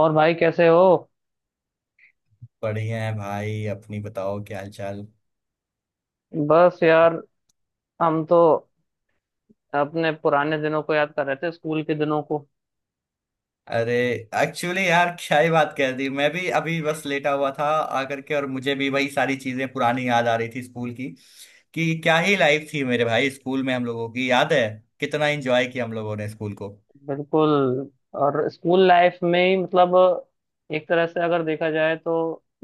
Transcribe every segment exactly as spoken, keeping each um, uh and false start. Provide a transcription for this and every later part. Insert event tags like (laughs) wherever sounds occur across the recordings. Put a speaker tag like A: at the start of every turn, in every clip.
A: और भाई कैसे हो।
B: बढ़िया है भाई, अपनी बताओ, क्या हाल चाल।
A: बस यार, हम तो अपने पुराने दिनों को याद कर रहे थे, स्कूल के दिनों को।
B: अरे एक्चुअली यार, क्या ही बात कर दी। मैं भी अभी बस लेटा हुआ था आकर के, और मुझे भी वही सारी चीजें पुरानी याद आ रही थी स्कूल की। कि क्या ही लाइफ थी मेरे भाई, स्कूल में हम लोगों की, याद है कितना एंजॉय किया हम लोगों ने स्कूल को।
A: बिल्कुल। और स्कूल लाइफ में ही मतलब एक तरह से अगर देखा जाए तो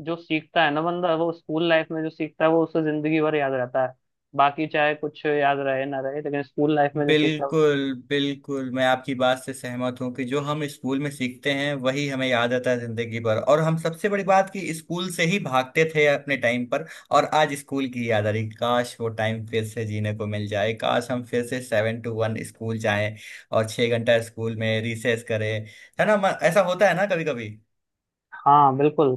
A: जो सीखता है ना बंदा, वो स्कूल लाइफ में जो सीखता है वो उसे जिंदगी भर याद रहता है। बाकी चाहे कुछ याद रहे ना रहे, लेकिन स्कूल लाइफ में जो सीखता है।
B: बिल्कुल बिल्कुल, मैं आपकी बात से सहमत हूँ कि जो हम स्कूल में सीखते हैं वही हमें याद आता है जिंदगी भर। और हम, सबसे बड़ी बात कि स्कूल से ही भागते थे अपने टाइम पर, और आज स्कूल की याद आ रही। काश वो टाइम फिर से जीने को मिल जाए, काश हम फिर से सेवन टू वन स्कूल जाएं और छह घंटा स्कूल में रिसेस करें। है ना? म- ऐसा होता है ना कभी कभी।
A: हाँ बिल्कुल।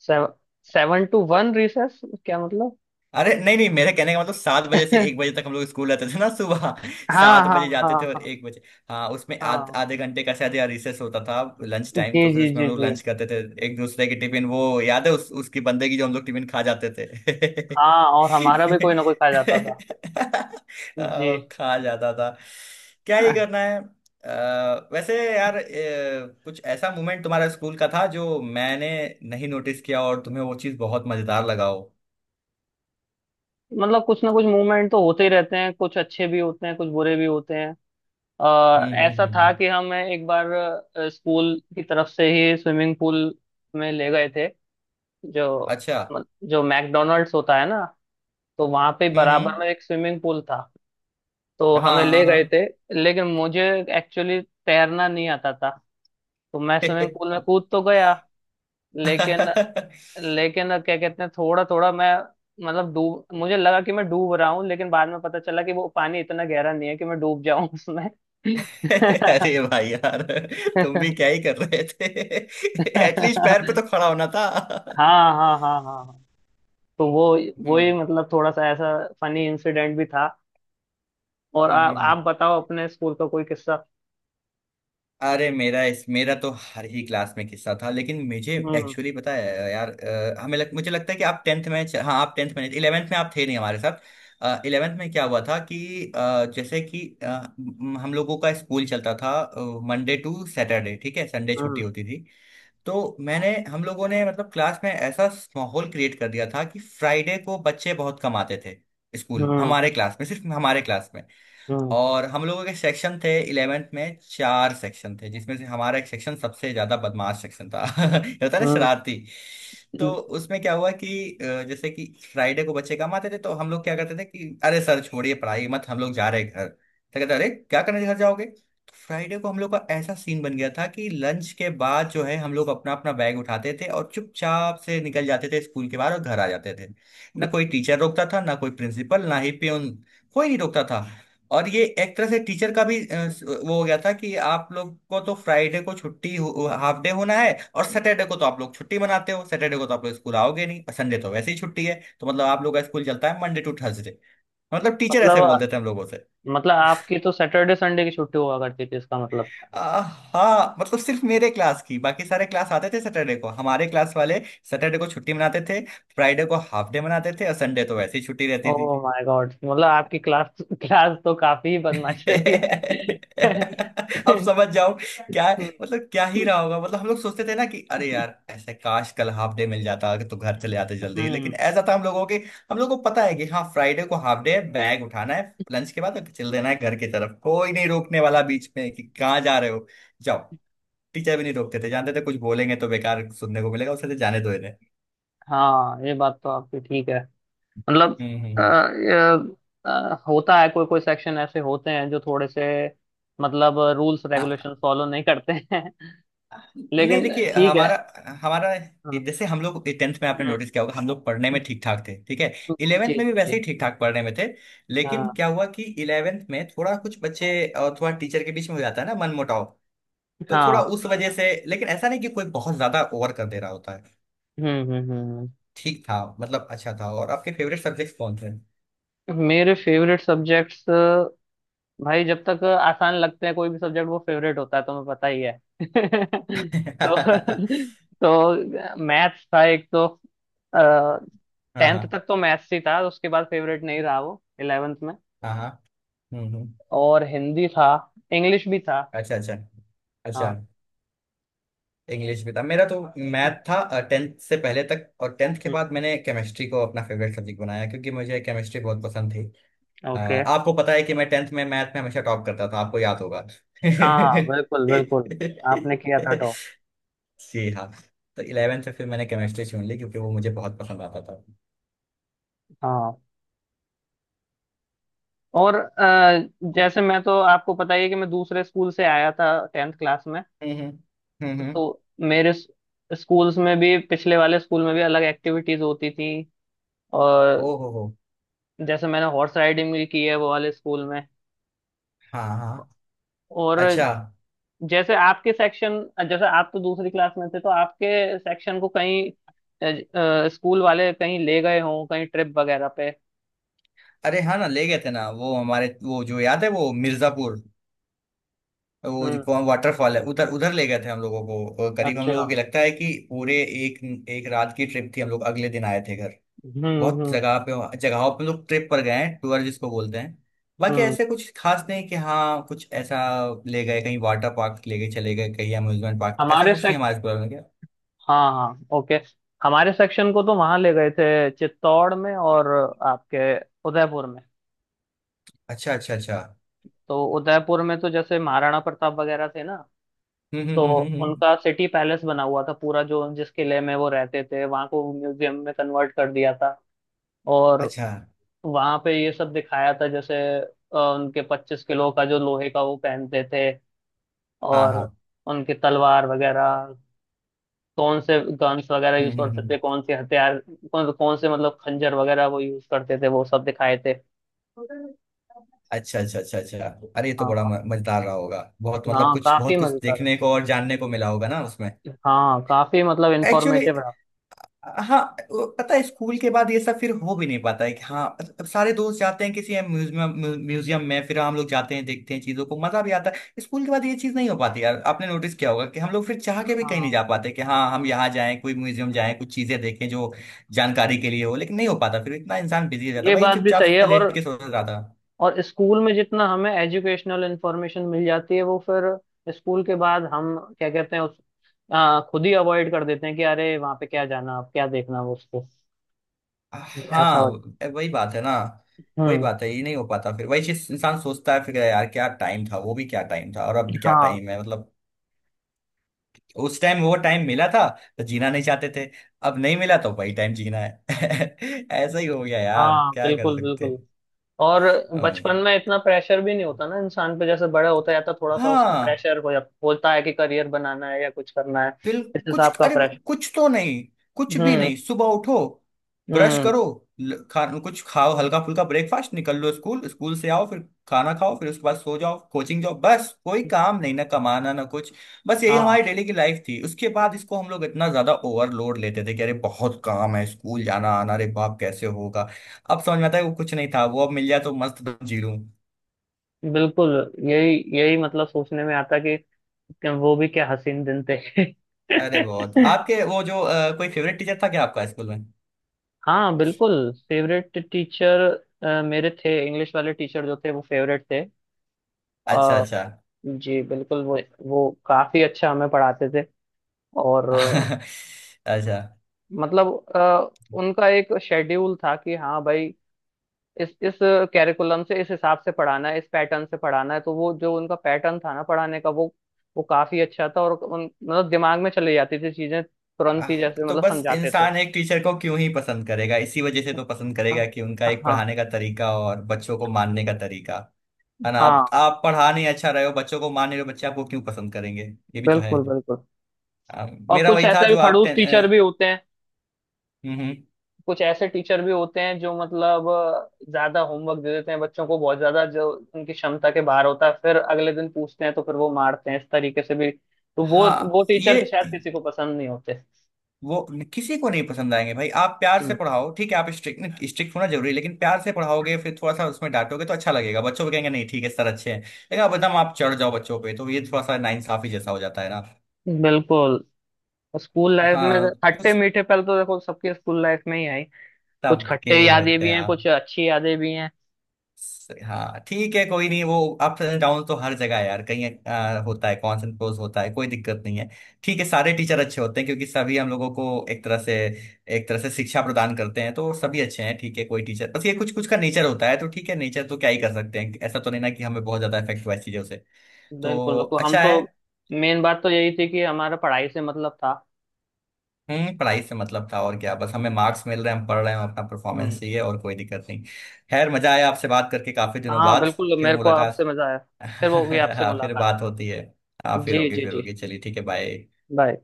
A: Seven, seven to one recess क्या मतलब?
B: अरे नहीं नहीं, मेरे कहने का मतलब सात बजे से एक बजे
A: (laughs)
B: तक हम लोग स्कूल रहते थे ना। सुबह (laughs)
A: हाँ
B: सात
A: हाँ
B: बजे जाते
A: हाँ
B: थे और
A: हाँ
B: एक बजे। हाँ, उसमें आध,
A: हाँ।
B: आधे घंटे का शायद या रिसेस होता था लंच टाइम,
A: जी
B: तो फिर
A: जी
B: उसमें
A: जी
B: हम लोग
A: जी।
B: लंच करते थे। एक दूसरे की टिफिन, वो याद है उस, उसकी बंदे की जो हम लोग टिफिन खा जाते थे।
A: हाँ, और हमारा भी कोई ना कोई खा जाता था।
B: (laughs)
A: जी।
B: आ, खा जाता था। क्या ही
A: अह,
B: करना है। अ, वैसे यार, अ, कुछ ऐसा मोमेंट तुम्हारा स्कूल का था जो मैंने नहीं नोटिस किया और तुम्हें वो चीज़ बहुत मजेदार लगा हो?
A: मतलब कुछ ना कुछ मूवमेंट तो होते ही रहते हैं। कुछ अच्छे भी होते हैं, कुछ बुरे भी होते हैं। अह,
B: हम्म हम्म
A: ऐसा
B: हम्म
A: था
B: हम्म।
A: कि हम एक बार अह, स्कूल की तरफ से ही स्विमिंग पूल में ले गए थे। जो
B: अच्छा।
A: मत- जो मैकडोनल्ड्स होता है ना, तो वहां पे
B: हम्म
A: बराबर
B: हम्म।
A: में एक स्विमिंग पूल था। तो
B: हाँ
A: हमें ले
B: हाँ
A: गए थे।
B: हाँ।
A: लेकिन मुझे एक्चुअली तैरना नहीं आता था। तो मैं स्विमिंग
B: (laughs)
A: पूल में कूद तो गया, लेकिन लेकिन क्या कहते हैं, थोड़ा थोड़ा मैं मतलब डूब मुझे लगा कि मैं डूब रहा हूँ, लेकिन बाद में पता चला कि वो पानी इतना गहरा नहीं है कि मैं डूब जाऊं उसमें। (laughs)
B: अरे भाई यार, तुम भी क्या ही कर रहे थे। (laughs) एटलीस्ट पैर पे तो खड़ा होना था।
A: हाँ हाँ हाँ हाँ हाँ। तो वो वो ही
B: हम्म
A: मतलब थोड़ा सा ऐसा फनी इंसिडेंट भी था। और
B: हम्म
A: आप
B: हम्म,
A: आप
B: हम्म।
A: बताओ अपने स्कूल का कोई किस्सा।
B: अरे मेरा इस मेरा तो हर ही क्लास में किस्सा था, लेकिन मुझे
A: हम्म
B: एक्चुअली पता है यार। अ, हमें लग, मुझे लगता है कि आप टेंथ में च- हाँ, आप टेंथ में नहीं, इलेवेंथ में आप थे नहीं हमारे साथ। इलेवेंथ में क्या हुआ था कि अ, जैसे कि अ, म- हम लोगों का स्कूल चलता था मंडे टू सैटरडे, ठीक है, संडे छुट्टी
A: हम्म
B: होती थी। तो मैंने हम लोगों ने मतलब क्लास में ऐसा माहौल क्रिएट कर दिया था कि फ्राइडे को बच्चे बहुत कम आते थे स्कूल,
A: हम्म
B: हमारे क्लास में, सिर्फ हमारे क्लास में।
A: हम्म
B: और हम लोगों के सेक्शन थे, इलेवेंथ में चार सेक्शन थे, जिसमें से हमारा एक सेक्शन सबसे ज्यादा बदमाश सेक्शन था। (laughs) ये होता है ना, शरारती। तो
A: हम्म।
B: उसमें क्या हुआ कि अ, जैसे कि फ्राइडे को बच्चे कम आते थे, तो हम लोग क्या करते थे कि अरे सर छोड़िए पढ़ाई मत, हम लोग जा रहे हैं घर। तो कहते, अरे क्या करने घर जाओगे। तो फ्राइडे को हम लोग का ऐसा सीन बन गया था कि लंच के बाद जो है हम लोग अपना अपना बैग उठाते थे और चुपचाप से निकल जाते थे स्कूल के बाहर और घर आ जाते थे। ना कोई टीचर रोकता था, ना कोई प्रिंसिपल, ना ही प्यून, कोई नहीं रोकता था। और ये एक तरह से टीचर का भी अ, स- वो हो गया था कि आप लोग को तो फ्राइडे को छुट्टी, हाफ डे होना है, और सैटरडे को तो आप लोग छुट्टी मनाते हो, सैटरडे को तो आप लोग स्कूल आओगे नहीं, और संडे तो वैसे ही छुट्टी है, तो मतलब आप लोग का स्कूल चलता है मंडे टू थर्सडे। मतलब टीचर ऐसे
A: मतलब
B: बोलते थे हम लोगों से।
A: मतलब आपकी तो सैटरडे संडे की छुट्टी हुआ करती थी इसका मतलब।
B: आ, हाँ, मतलब सिर्फ मेरे क्लास की, बाकी सारे क्लास आते थे सैटरडे को। हमारे क्लास वाले सैटरडे को छुट्टी मनाते थे, फ्राइडे को हाफ डे मनाते थे, और संडे तो वैसे ही छुट्टी रहती थी।
A: ओह माय गॉड, मतलब आपकी क्लास क्लास तो काफी
B: (laughs)
A: बदमाश रही है।
B: अब समझ जाओ क्या। मतलब क्या ही रहा होगा, मतलब हम लोग सोचते थे ना कि अरे यार, ऐसे काश कल हाफ डे मिल जाता तो घर चले आते जल्दी, लेकिन
A: हम्म।
B: ऐसा था हम लोगों के, हम लोग को पता है कि हाँ फ्राइडे को हाफ डे है, बैग उठाना है लंच के बाद और चल देना है घर की तरफ, कोई नहीं रोकने वाला बीच में कि कहाँ जा रहे हो, जाओ। टीचर भी नहीं रोकते थे, जानते थे कुछ बोलेंगे तो बेकार सुनने को मिलेगा उससे, तो जाने दो इन्हें।
A: हाँ, ये बात तो आपकी ठीक है। मतलब
B: हम्म
A: अ,
B: हम्म,
A: अ, अ, होता है कोई कोई सेक्शन ऐसे होते हैं जो थोड़े से मतलब रूल्स रेगुलेशन
B: हम्म।
A: फॉलो नहीं करते हैं।
B: नहीं
A: लेकिन
B: देखिए,
A: ठीक है।
B: हमारा हमारा
A: हाँ।
B: जैसे हम लोग टेंथ में, आपने
A: हम्म।
B: नोटिस किया होगा, हम लोग पढ़ने में ठीक ठाक थे, ठीक है।
A: जी
B: इलेवेंथ में भी
A: जी
B: वैसे
A: जी।
B: ही ठीक ठाक पढ़ने में थे। लेकिन
A: हाँ
B: क्या हुआ कि इलेवेंथ में थोड़ा कुछ बच्चे और थोड़ा टीचर के बीच में हो जाता है ना मनमुटाव, तो थोड़ा
A: हाँ।
B: उस वजह से। लेकिन ऐसा नहीं कि कोई बहुत ज्यादा ओवर कर दे रहा होता है।
A: हम्म हम्म हम्म
B: ठीक था, मतलब अच्छा था। और आपके फेवरेट सब्जेक्ट कौन थे?
A: हम्म। मेरे फेवरेट सब्जेक्ट्स, भाई जब तक आसान लगते हैं कोई भी सब्जेक्ट वो फेवरेट होता है, तुम्हें पता ही है।
B: (laughs)
A: (laughs) तो
B: हाँ
A: तो मैथ्स था एक तो। टेंथ
B: हाँ
A: तक तो मैथ्स ही था, उसके बाद फेवरेट नहीं रहा वो इलेवेंथ में।
B: हाँ हाँ। हम्म हम्म।
A: और हिंदी था, इंग्लिश भी था।
B: अच्छा अच्छा अच्छा।
A: हाँ।
B: इंग्लिश भी था मेरा तो। मैथ था टेंथ से पहले तक, और टेंथ के
A: हम्म,
B: बाद मैंने केमिस्ट्री को अपना फेवरेट सब्जेक्ट बनाया क्योंकि मुझे केमिस्ट्री बहुत पसंद थी। अ,
A: ओके।
B: आपको पता है कि मैं टेंथ में मैथ में हमेशा टॉप करता था, आपको याद होगा। (laughs)
A: हाँ बिल्कुल बिल्कुल। आपने किया था टॉप।
B: जी हाँ। तो इलेवेंथ में फिर मैंने केमिस्ट्री चुन ली क्योंकि वो मुझे बहुत पसंद आता था।
A: हाँ। और अ, जैसे मैं तो आपको पता ही है कि मैं दूसरे स्कूल से आया था टेंथ क्लास में।
B: हम्म हम्म हम्म।
A: तो मेरे स्कूल्स में भी पिछले वाले स्कूल में भी अलग एक्टिविटीज होती थी।
B: ओ
A: और
B: हो हो।
A: जैसे मैंने हॉर्स राइडिंग भी की है वो वाले स्कूल में।
B: हाँ हाँ।
A: और
B: अच्छा।
A: जैसे आपके सेक्शन जैसे आप तो दूसरी क्लास में थे, तो आपके सेक्शन को कहीं स्कूल वाले कहीं ले गए हों, कहीं ट्रिप वगैरह पे।
B: अरे हाँ ना, ले गए थे ना। वो हमारे, वो जो याद है वो मिर्जापुर, वो जो
A: हम्म।
B: कौन वाटरफॉल है उधर, उधर ले गए थे हम लोगों को। और करीब हम
A: अच्छा।
B: लोगों को लगता है कि पूरे एक, एक रात की ट्रिप थी, हम लोग अगले दिन आए थे घर।
A: हम्म
B: बहुत
A: हम्म
B: जगह पे, जगहों पे लोग ट्रिप पर गए हैं, टूर जिसको बोलते हैं। बाकी
A: हम्म।
B: ऐसे कुछ खास नहीं कि हाँ, कुछ ऐसा ले गए कहीं वाटर पार्क, ले गए चले गए कहीं अम्यूजमेंट पार्क, ऐसा
A: हमारे
B: कुछ नहीं
A: सेक
B: हमारे प्लान में क्या।
A: हाँ हाँ ओके। हमारे सेक्शन को तो वहां ले गए थे चित्तौड़ में। और आपके उदयपुर में।
B: अच्छा अच्छा अच्छा।
A: तो उदयपुर में तो जैसे महाराणा प्रताप वगैरह थे ना,
B: हम्म हम्म
A: तो
B: हम्म हम्म हम्म।
A: उनका सिटी पैलेस बना हुआ था पूरा, जो जिस किले में वो रहते थे, वहां को म्यूजियम में कन्वर्ट कर दिया था। और
B: अच्छा।
A: वहां पे ये सब दिखाया था। जैसे अ, उनके पच्चीस किलो का जो लोहे का वो पहनते थे।
B: हाँ
A: और
B: हाँ।
A: उनकी तलवार वगैरह, कौन से गन्स वगैरह
B: हम्म
A: यूज
B: हम्म
A: करते
B: हम्म।
A: थे, कौन से हथियार, कौन, कौन से मतलब खंजर वगैरह वो यूज करते थे, वो सब दिखाए थे।
B: अच्छा अच्छा अच्छा अच्छा। अरे ये तो बड़ा
A: हाँ
B: म- मजेदार रहा होगा, बहुत, मतलब
A: हाँ
B: कुछ
A: काफी
B: बहुत कुछ
A: मजेदार।
B: देखने को और जानने को मिला होगा ना उसमें।
A: हाँ काफी मतलब
B: एक्चुअली
A: इंफॉर्मेटिव रहा।
B: हाँ, वो पता है स्कूल के बाद ये सब फिर हो भी नहीं पाता है कि हाँ अब सारे दोस्त जाते हैं किसी म्यूजियम म्यूजियम में, फिर हम लोग जाते हैं, देखते हैं चीजों को, मजा भी आता है। स्कूल के बाद ये चीज नहीं हो पाती यार, आपने नोटिस किया होगा कि हम लोग फिर चाह के भी कहीं नहीं जा
A: हाँ
B: पाते कि हाँ हम यहाँ जाएं, कोई म्यूजियम जाएं, कुछ चीजें देखें जो जानकारी के लिए हो, लेकिन नहीं हो पाता, फिर इतना इंसान बिजी हो जाता है।
A: ये
B: भाई
A: बात भी
B: चुपचाप
A: सही है।
B: से
A: और
B: लेट के सोच रहा था।
A: और स्कूल में जितना हमें एजुकेशनल इंफॉर्मेशन मिल जाती है, वो फिर स्कूल के बाद हम क्या कहते हैं उस आ, खुद ही अवॉइड कर देते हैं कि अरे वहां पे क्या जाना अब, क्या देखना वो उसको ऐसा
B: हाँ
A: हो।
B: वही बात है ना। वही
A: हम्म।
B: बात है, ये नहीं हो पाता, फिर वही चीज इंसान सोचता है फिर यार क्या टाइम था, वो भी क्या टाइम था और अब भी क्या
A: हाँ
B: टाइम है मतलब। उस टाइम वो टाइम मिला था तो जीना नहीं चाहते थे, अब नहीं मिला तो वही टाइम जीना है। (laughs) ऐसा ही हो गया यार,
A: हाँ
B: क्या कर
A: बिल्कुल
B: सकते
A: बिल्कुल।
B: हैं।
A: और बचपन
B: अम्म,
A: में इतना प्रेशर भी नहीं होता ना इंसान पे। जैसे बड़ा होता जाता है, थोड़ा सा उसका
B: हाँ,
A: प्रेशर हो जाता होता है कि करियर बनाना है या कुछ करना है,
B: बिल
A: इस हिसाब
B: कुछ,
A: का
B: अरे
A: प्रेशर।
B: कुछ तो नहीं, कुछ भी
A: हम्म
B: नहीं। सुबह उठो, ब्रश
A: हम्म।
B: करो, ल- खा, कुछ खाओ हल्का फुल्का ब्रेकफास्ट, निकल लो स्कूल, स्कूल से आओ फिर खाना खाओ, फिर उसके बाद सो जाओ, कोचिंग जाओ, बस। कोई काम नहीं, ना कमाना ना कुछ, बस यही
A: हाँ
B: हमारी डेली की लाइफ थी। उसके बाद इसको हम लोग इतना ज्यादा ओवरलोड लेते थे कि अरे बहुत काम है स्कूल जाना आना, अरे बाप कैसे होगा। अब समझ में आता है वो कुछ नहीं था, वो अब मिल जाए तो मस्त जी लूं।
A: बिल्कुल। यही यही मतलब सोचने में आता कि क्या- वो भी क्या हसीन दिन थे।
B: अरे बहुत।
A: (laughs)
B: आपके वो जो अ, कोई फेवरेट टीचर था क्या आपका स्कूल में?
A: हाँ बिल्कुल फेवरेट टीचर मेरे थे। इंग्लिश वाले टीचर जो थे, वो फेवरेट थे।
B: अच्छा
A: अ,
B: अच्छा।
A: जी बिल्कुल। वो वो काफी अच्छा हमें पढ़ाते थे। और अ,
B: (laughs) अच्छा।
A: मतलब अ, उनका एक शेड्यूल था कि हाँ भाई इस इस कैरिकुलम से, इस हिसाब से पढ़ाना है, इस पैटर्न से पढ़ाना है। तो वो जो उनका पैटर्न था ना पढ़ाने का, वो वो काफी अच्छा था। और उन मतलब दिमाग में चली जाती थी चीजें तुरंत ही,
B: आह,
A: जैसे
B: तो
A: मतलब
B: बस
A: समझाते थे।
B: इंसान एक टीचर को क्यों ही पसंद करेगा, इसी वजह से तो पसंद करेगा कि उनका एक
A: हाँ
B: पढ़ाने का तरीका और बच्चों को मानने का तरीका। है ना, आप
A: हाँ
B: आप पढ़ा नहीं अच्छा रहे हो, बच्चों को मान नहीं रहे हो, बच्चे आपको क्यों पसंद करेंगे। ये भी तो है।
A: बिल्कुल बिल्कुल।
B: आ,
A: और
B: मेरा
A: कुछ
B: वही था
A: ऐसे भी
B: जो आप
A: खड़ूस
B: टे-
A: टीचर भी
B: अ,
A: होते हैं।
B: हम्म हम्म।
A: कुछ ऐसे टीचर भी होते हैं जो मतलब अ, ज्यादा होमवर्क दे देते हैं बच्चों को, बहुत ज्यादा जो उनकी क्षमता के बाहर होता है। फिर अगले दिन पूछते हैं तो फिर वो मारते हैं इस तरीके से भी। तो वो वो
B: हाँ
A: टीचर
B: ये
A: के शायद किसी को पसंद नहीं होते।
B: वो, किसी को नहीं पसंद आएंगे भाई। आप प्यार से पढ़ाओ, ठीक है आप स्ट्रिक्ट, स्ट्रिक्ट होना जरूरी है, लेकिन प्यार से पढ़ाओगे फिर थोड़ा सा उसमें डांटोगे तो अच्छा लगेगा बच्चों को, कहेंगे नहीं ठीक है सर अच्छे हैं। लेकिन आप एकदम आप चढ़ जाओ बच्चों पे तो ये थोड़ा सा नाइंसाफी जैसा हो जाता है ना।
A: बिल्कुल। स्कूल लाइफ में
B: हाँ
A: तो खट्टे
B: कुछ,
A: मीठे पल तो देखो सबके स्कूल लाइफ में ही आई। कुछ
B: सबके
A: खट्टे यादें
B: होते
A: भी हैं, कुछ
B: हैं।
A: अच्छी यादें भी हैं।
B: हाँ ठीक है, कोई नहीं वो। अप एंड डाउन तो हर जगह है यार, कहीं आ, होता है, कॉन्स एंड प्रोस होता है, कोई दिक्कत नहीं है। ठीक है, सारे टीचर अच्छे होते हैं क्योंकि सभी हम लोगों को एक तरह से एक तरह से शिक्षा प्रदान करते हैं, तो सभी अच्छे हैं। ठीक है, कोई टीचर बस ये, कुछ कुछ का नेचर होता है, तो ठीक है नेचर तो क्या ही कर सकते हैं, ऐसा तो नहीं ना कि हमें बहुत ज्यादा इफेक्ट हुआ है चीजों से,
A: बिल्कुल
B: तो
A: बिल्कुल। हम
B: अच्छा
A: तो
B: है।
A: मेन बात तो यही थी कि हमारा पढ़ाई से मतलब था।
B: हम्म पढ़ाई से मतलब था, और क्या, बस हमें मार्क्स मिल रहे हैं हम पढ़ रहे हैं, हम अपना
A: हम्म।
B: परफॉर्मेंस चाहिए, और कोई दिक्कत नहीं। खैर मजा आया आपसे बात करके काफी दिनों
A: हाँ
B: बाद।
A: बिल्कुल
B: फिर
A: मेरे को आपसे
B: मुलाकात।
A: मजा आया।
B: (laughs)
A: फिर होगी आपसे
B: हाँ फिर
A: मुलाकात।
B: बात होती है। हाँ फिर
A: जी
B: होगी
A: जी
B: फिर
A: जी।
B: होगी, चलिए ठीक है, बाय।
A: बाय।